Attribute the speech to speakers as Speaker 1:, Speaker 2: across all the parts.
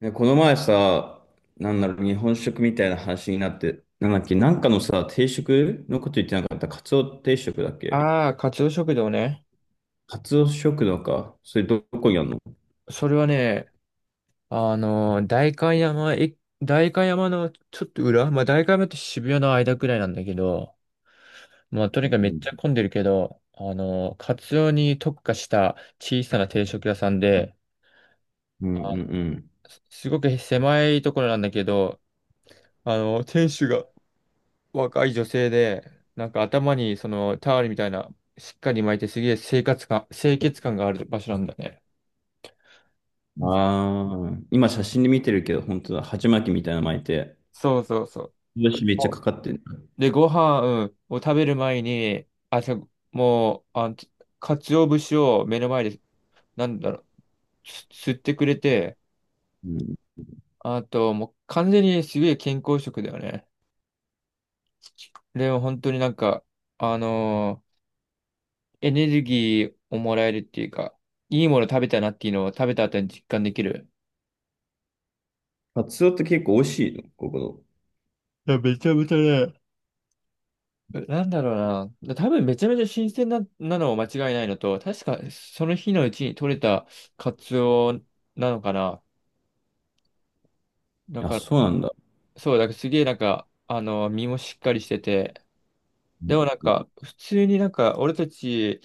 Speaker 1: ねこの前さ、日本食みたいな話になって、なんだっけ、なんかのさ、定食のこと言ってなかった。カツオ定食だっけ。
Speaker 2: ああ、カツオ食堂ね。
Speaker 1: カツオ食堂か。それどこにあるの？
Speaker 2: それはね、あのー、代官山、え、代官山のちょっと裏、まあ、代官山って渋谷の間くらいなんだけど、まあ、と
Speaker 1: う
Speaker 2: にかくめっ
Speaker 1: ん
Speaker 2: ちゃ混んでるけど、カツオに特化した小さな定食屋さんで、
Speaker 1: うん
Speaker 2: あの、
Speaker 1: うん
Speaker 2: すごく狭いところなんだけど、店主が若い女性で、なんか頭にそのタオルみたいな、しっかり巻いてすげえ生活感、清潔感がある場所なんだね。
Speaker 1: うん。ああ、今写真で見てるけど、本当だ、鉢巻きみたいなの巻いて、
Speaker 2: そうそうそう。
Speaker 1: よし、めっちゃかかってる。
Speaker 2: で、ご飯を食べる前に、じゃあもう、鰹節を目の前で、なんだろう、吸ってくれて、
Speaker 1: うん。
Speaker 2: あと、もう完全にすげえ健康食だよね。でも本当になんか、あのーエネルギーをもらえるっていうか、いいもの食べたなっていうのを食べた後に実感できる。
Speaker 1: カツオって結構美味しいのここ
Speaker 2: いや、めちゃめちゃね、なんだろうな。多分めちゃめちゃ新鮮なのは間違いないのと、確かその日のうちに取れたカツオなのかな。だ
Speaker 1: の？あ、
Speaker 2: か
Speaker 1: そうなんだ。
Speaker 2: そう、だからすげえなんか、身もしっかりしてて、
Speaker 1: う
Speaker 2: でも
Speaker 1: ん。
Speaker 2: なんか、普通になんか、俺たち、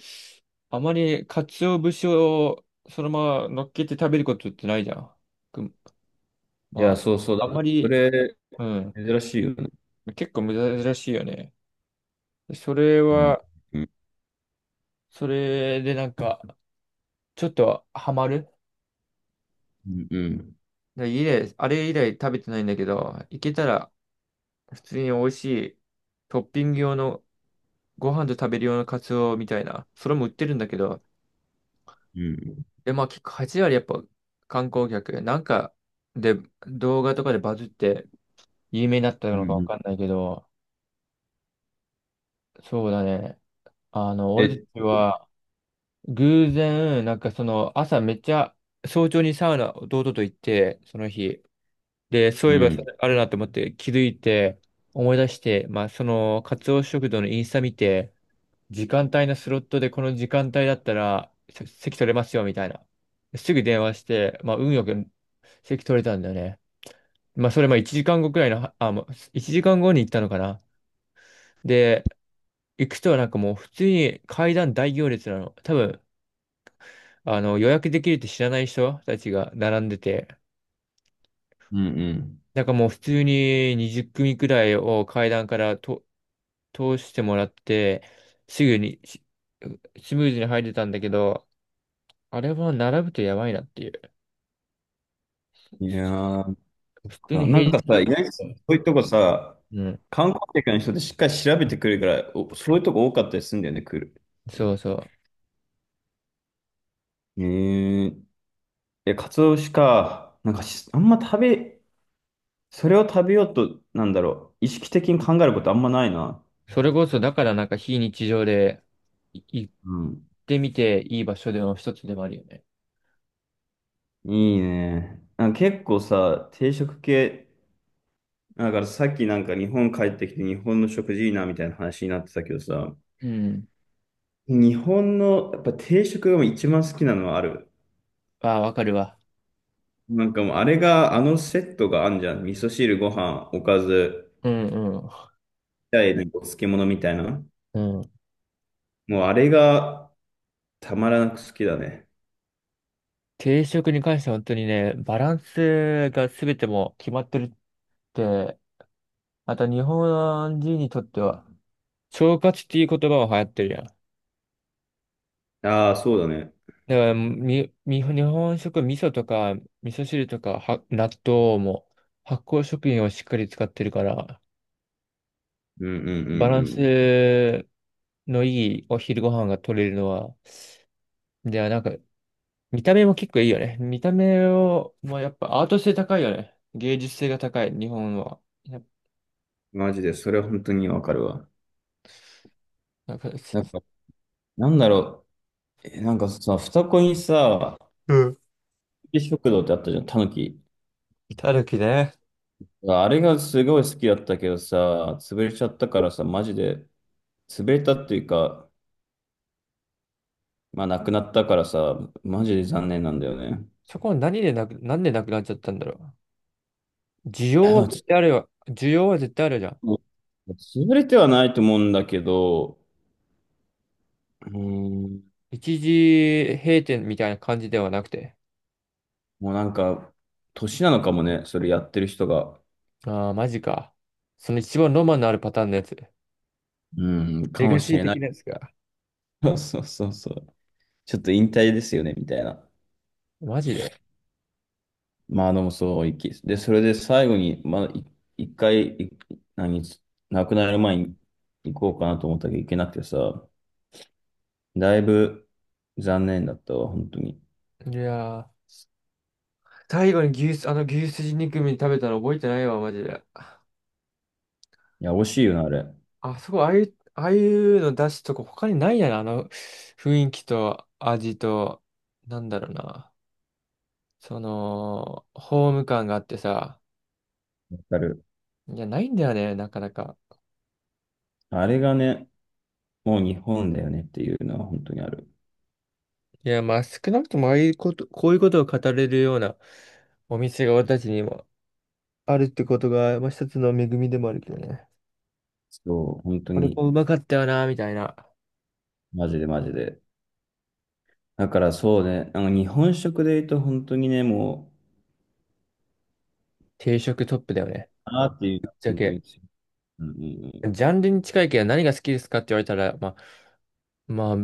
Speaker 2: あまり鰹節をそのまま乗っけて食べることってないじゃん。く
Speaker 1: い
Speaker 2: ま
Speaker 1: や、そうそう
Speaker 2: あ、あ
Speaker 1: だ。
Speaker 2: ま
Speaker 1: そ
Speaker 2: り、
Speaker 1: れ、
Speaker 2: うん、
Speaker 1: 珍しいよね。
Speaker 2: 結構珍しいよね。それ
Speaker 1: うん
Speaker 2: は、
Speaker 1: うん
Speaker 2: それでなんか、ちょっとハマる。
Speaker 1: うんうん
Speaker 2: で以来、あれ以来食べてないんだけど、いけたら、普通に美味しい、トッピング用の、ご飯と食べる用のカツオみたいな、それも売ってるんだけど、
Speaker 1: うん
Speaker 2: で、まあ結構8割やっぱ観光客、なんかで動画とかでバズって有名になった
Speaker 1: う
Speaker 2: のか
Speaker 1: んう
Speaker 2: わ
Speaker 1: ん。
Speaker 2: かんないけど、そうだね。俺
Speaker 1: え、
Speaker 2: たちは偶然、なんかその朝めっちゃ早朝にサウナ弟と行って、その日。で、そう
Speaker 1: う
Speaker 2: いえばそ
Speaker 1: ん。
Speaker 2: れあるなと思って気づいて思い出して、まあそのカツオ食堂のインスタ見て、時間帯のスロットでこの時間帯だったら席取れますよみたいな。すぐ電話して、まあ運よく席取れたんだよね。まあ、それまあ1時間後くらいの、あ、もう1時間後に行ったのかな。で、行くとなんかもう普通に階段大行列なの。多分、予約できるって知らない人たちが並んでて、
Speaker 1: うん。
Speaker 2: なんかもう普通に20組くらいを階段からと通してもらって、すぐにスムーズに入れたんだけど、あれは並ぶとやばいなっていう。
Speaker 1: ういやー、なん
Speaker 2: 普通に
Speaker 1: かな
Speaker 2: 平
Speaker 1: ん
Speaker 2: 日
Speaker 1: か
Speaker 2: だ
Speaker 1: さ、
Speaker 2: っ
Speaker 1: 意
Speaker 2: た。
Speaker 1: 外にそういうとこさ、
Speaker 2: うん。
Speaker 1: 観光客の人ってしっかり調べてくるから、おそういうとこ多かったりするんだよね、来る。
Speaker 2: そうそう。
Speaker 1: えー、いや、カツオ節か。なんかし、あんま食べ、それを食べようと、意識的に考えることあんまないな。
Speaker 2: それこそ、だからなんか非日常で行っ
Speaker 1: うん。
Speaker 2: てみていい場所での一つでもあるよね。
Speaker 1: いいね。なんか結構さ、定食系、だからさっきなんか日本帰ってきて日本の食事いいなみたいな話になってたけどさ、
Speaker 2: うん。
Speaker 1: 日本のやっぱ定食が一番好きなのはある。
Speaker 2: ああ、わかるわ。
Speaker 1: なんかもうあれが、あのセットがあんじゃん。味噌汁、ご飯、おかず、
Speaker 2: うんう
Speaker 1: 二いにお漬物みたいな。
Speaker 2: ん。うん。
Speaker 1: もうあれがたまらなく好きだね。
Speaker 2: 定食に関しては本当にね、バランスが全てもう決まってるって、また日本人にとっては、腸活っていう言葉も流行ってるやん。だか
Speaker 1: ああ、そうだね。
Speaker 2: ら日本食、味噌とか、味噌汁とか、は、納豆も、発酵食品をしっかり使ってるから、
Speaker 1: うんうんうん
Speaker 2: バラン
Speaker 1: う
Speaker 2: ス
Speaker 1: ん。
Speaker 2: のいいお昼ご飯が取れるのは、ではなんか、見た目も結構いいよね。見た目を、まあやっぱアート性高いよね。芸術性が高い、日本は。やっ
Speaker 1: マジで、それは本当にわかるわ。
Speaker 2: ぱ、なんか。
Speaker 1: なんか、なんだろえ、なんかさ、双子にさ、
Speaker 2: うん。
Speaker 1: 食堂ってあったじゃん、タヌキ。
Speaker 2: たぬきね。
Speaker 1: あれがすごい好きだったけどさ、潰れちゃったからさ、マジで、潰れたっていうか、まあなくなったからさ、マジで残念なんだよね。
Speaker 2: そこは何でなく、なんでなくなっちゃったんだろう。需
Speaker 1: い
Speaker 2: 要
Speaker 1: や、で
Speaker 2: は
Speaker 1: も
Speaker 2: 絶対あるよ。需要は絶対あるじゃん。
Speaker 1: もう潰れてはないと思うんだけど、うーん、
Speaker 2: 一時閉店みたいな感じではなくて。
Speaker 1: もうなんか、年なのかもね、それやってる人が。
Speaker 2: ああ、マジか。その一番ロマンのあるパターンのやつ。
Speaker 1: うん、
Speaker 2: レ
Speaker 1: かも
Speaker 2: ガ
Speaker 1: し
Speaker 2: シー
Speaker 1: れな
Speaker 2: 的
Speaker 1: い。
Speaker 2: なやつか。
Speaker 1: そうそうそう。ちょっと引退ですよね、みたいな。
Speaker 2: マジで。
Speaker 1: まあでもそう、きで、それで最後に、まあ、い一回、い何、亡くなる前に行こうかなと思ったけど行けなくてさ、だいぶ残念だったわ、本当に。い
Speaker 2: いやー。最後に牛すじ肉食べたの覚えてないわ、マジで。
Speaker 1: や、惜しいよな、あれ。わ
Speaker 2: あそこ、ああいうの出すとこ他にないやな、あの雰囲気と味と、なんだろうな。その、ホーム感があってさ。
Speaker 1: かる。
Speaker 2: いや、ないんだよね、なかなか。
Speaker 1: あれがね、もう日本だよねっていうのは本当にある。
Speaker 2: いや、まあ、少なくともああいうこと、こういうことを語れるようなお店が私たちにもあるってことが、まあ、一つの恵みでもあるけどね。
Speaker 1: そう、本当
Speaker 2: これ
Speaker 1: に、
Speaker 2: もうまかったよな、みたいな。
Speaker 1: マジでマジで。だからそうね、あの日本食で言うと本当にね、もう、
Speaker 2: 定食トップだよね。
Speaker 1: あーっていう
Speaker 2: ぶ
Speaker 1: の
Speaker 2: っ
Speaker 1: は
Speaker 2: ちゃ
Speaker 1: 本当
Speaker 2: け。
Speaker 1: に強い、うんうん
Speaker 2: ジャンルに近いけど何が好きですかって言われたら、まあ、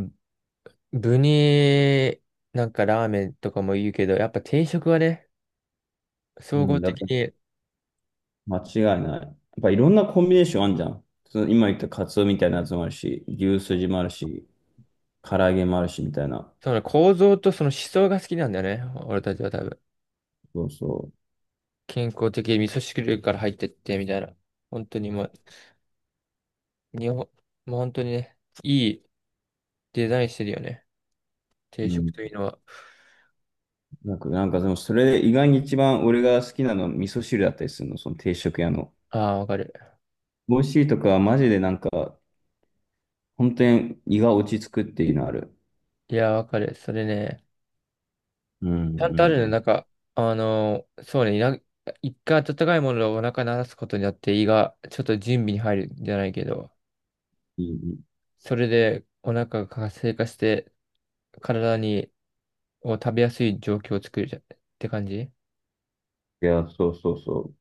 Speaker 2: 具に、なんかラーメンとかも言うけど、やっぱ定食はね、
Speaker 1: う
Speaker 2: 総
Speaker 1: ん。う
Speaker 2: 合
Speaker 1: ん、だって
Speaker 2: 的に、
Speaker 1: 間違いない。やっぱいろんなコンビネーションあんじゃん。その今言ったカツオみたいなやつもあるし、牛すじもあるし、唐揚げもあるしみたいな。
Speaker 2: その構造とその思想が好きなんだよね。俺たちは多分。
Speaker 1: そうそ
Speaker 2: 健康的に味噌汁から入ってって、みたいな。本当にもう、日本、もう本当にね、いいデザインしてるよね。定
Speaker 1: う。う
Speaker 2: 食とい
Speaker 1: ん。
Speaker 2: うのは。
Speaker 1: なんかでもそれで意外に一番俺が好きなのは味噌汁だったりするの、その定食屋の。
Speaker 2: ああ、わかる。
Speaker 1: 美味しいとかはマジでなんか、本当に胃が落ち着くっていうのある。
Speaker 2: いや、わかる。それね。
Speaker 1: うん
Speaker 2: ちゃ
Speaker 1: う
Speaker 2: んと
Speaker 1: ん
Speaker 2: あるね。
Speaker 1: うん。
Speaker 2: なんか、そうね、一回温かいものをお腹にらすことによって胃がちょっと準備に入るんじゃないけど、
Speaker 1: いい。
Speaker 2: それでお腹が活性化して体にを食べやすい状況を作るじゃって感じ
Speaker 1: いや、そうそうそう。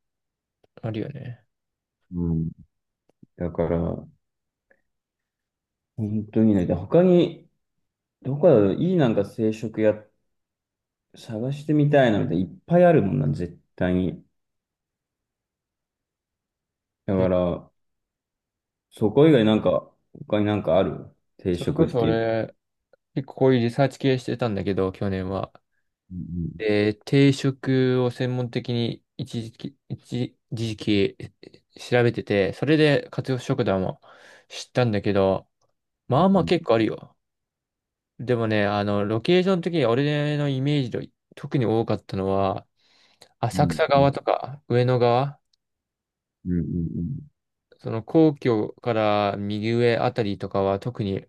Speaker 2: あるよね。
Speaker 1: うん。だから、本当にね、で他に、どこだろう、いいなんか定食屋探してみたいなみたいな、いっぱいあるもんな、絶対に。だか
Speaker 2: え、
Speaker 1: ら、そこ以外なんか、他になんかある？定
Speaker 2: それ
Speaker 1: 食
Speaker 2: こ
Speaker 1: っ
Speaker 2: そ
Speaker 1: ていう。
Speaker 2: 俺、結構こういうリサーチ系してたんだけど、去年は。
Speaker 1: うん
Speaker 2: で、定食を専門的に一時期調べてて、それで活用食堂も知ったんだけど、
Speaker 1: う
Speaker 2: まあまあ
Speaker 1: ん
Speaker 2: 結構あるよ。でもね、ロケーション的に俺のイメージで特に多かったのは、
Speaker 1: う
Speaker 2: 浅
Speaker 1: ん
Speaker 2: 草
Speaker 1: うん
Speaker 2: 側とか上野側、
Speaker 1: うんうんうん。
Speaker 2: その皇居から右上あたりとかは特に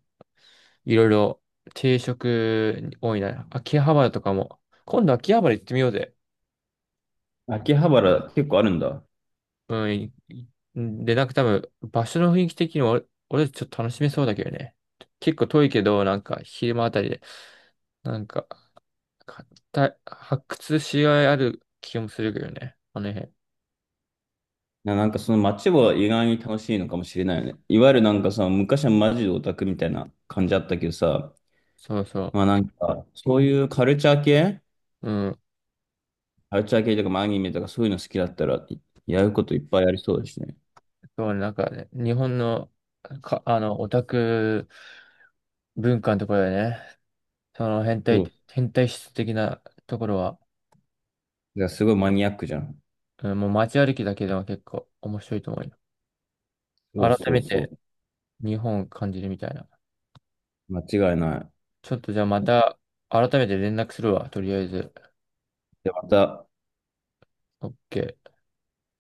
Speaker 2: いろいろ定食多いな。秋葉原とかも。今度秋葉原行ってみようぜ。
Speaker 1: 秋葉原結構あるんだ。
Speaker 2: うん。で、なんか多分場所の雰囲気的に俺ちょっと楽しめそうだけどね。結構遠いけど、なんか昼間あたりで、なんか、か発掘しがいある気もするけどね。あの辺。
Speaker 1: な、なんかその街は意外に楽しいのかもしれないよね。いわゆるなんかさ、昔はマジでオタクみたいな感じあったけどさ、
Speaker 2: そうそ
Speaker 1: まあ
Speaker 2: う。
Speaker 1: なんか、そういうカルチャー系
Speaker 2: うん、
Speaker 1: カルチャー系とかアニメとかそういうの好きだったら、いやることいっぱいありそうですね。
Speaker 2: そうね、なんかね、日本の、か、あの、オタク文化のところでね、その
Speaker 1: そう。
Speaker 2: 変態質的なところは、
Speaker 1: いや、すごいマニアックじゃん。
Speaker 2: うん、もう街歩きだけでも結構面白いと思うよ。
Speaker 1: そう
Speaker 2: 改
Speaker 1: そ
Speaker 2: め
Speaker 1: う
Speaker 2: て
Speaker 1: そ
Speaker 2: 日本を感じるみたいな。
Speaker 1: う。間違いない。
Speaker 2: ちょっとじゃあまた、改めて連絡するわ、とりあえず。
Speaker 1: で、また、
Speaker 2: OK。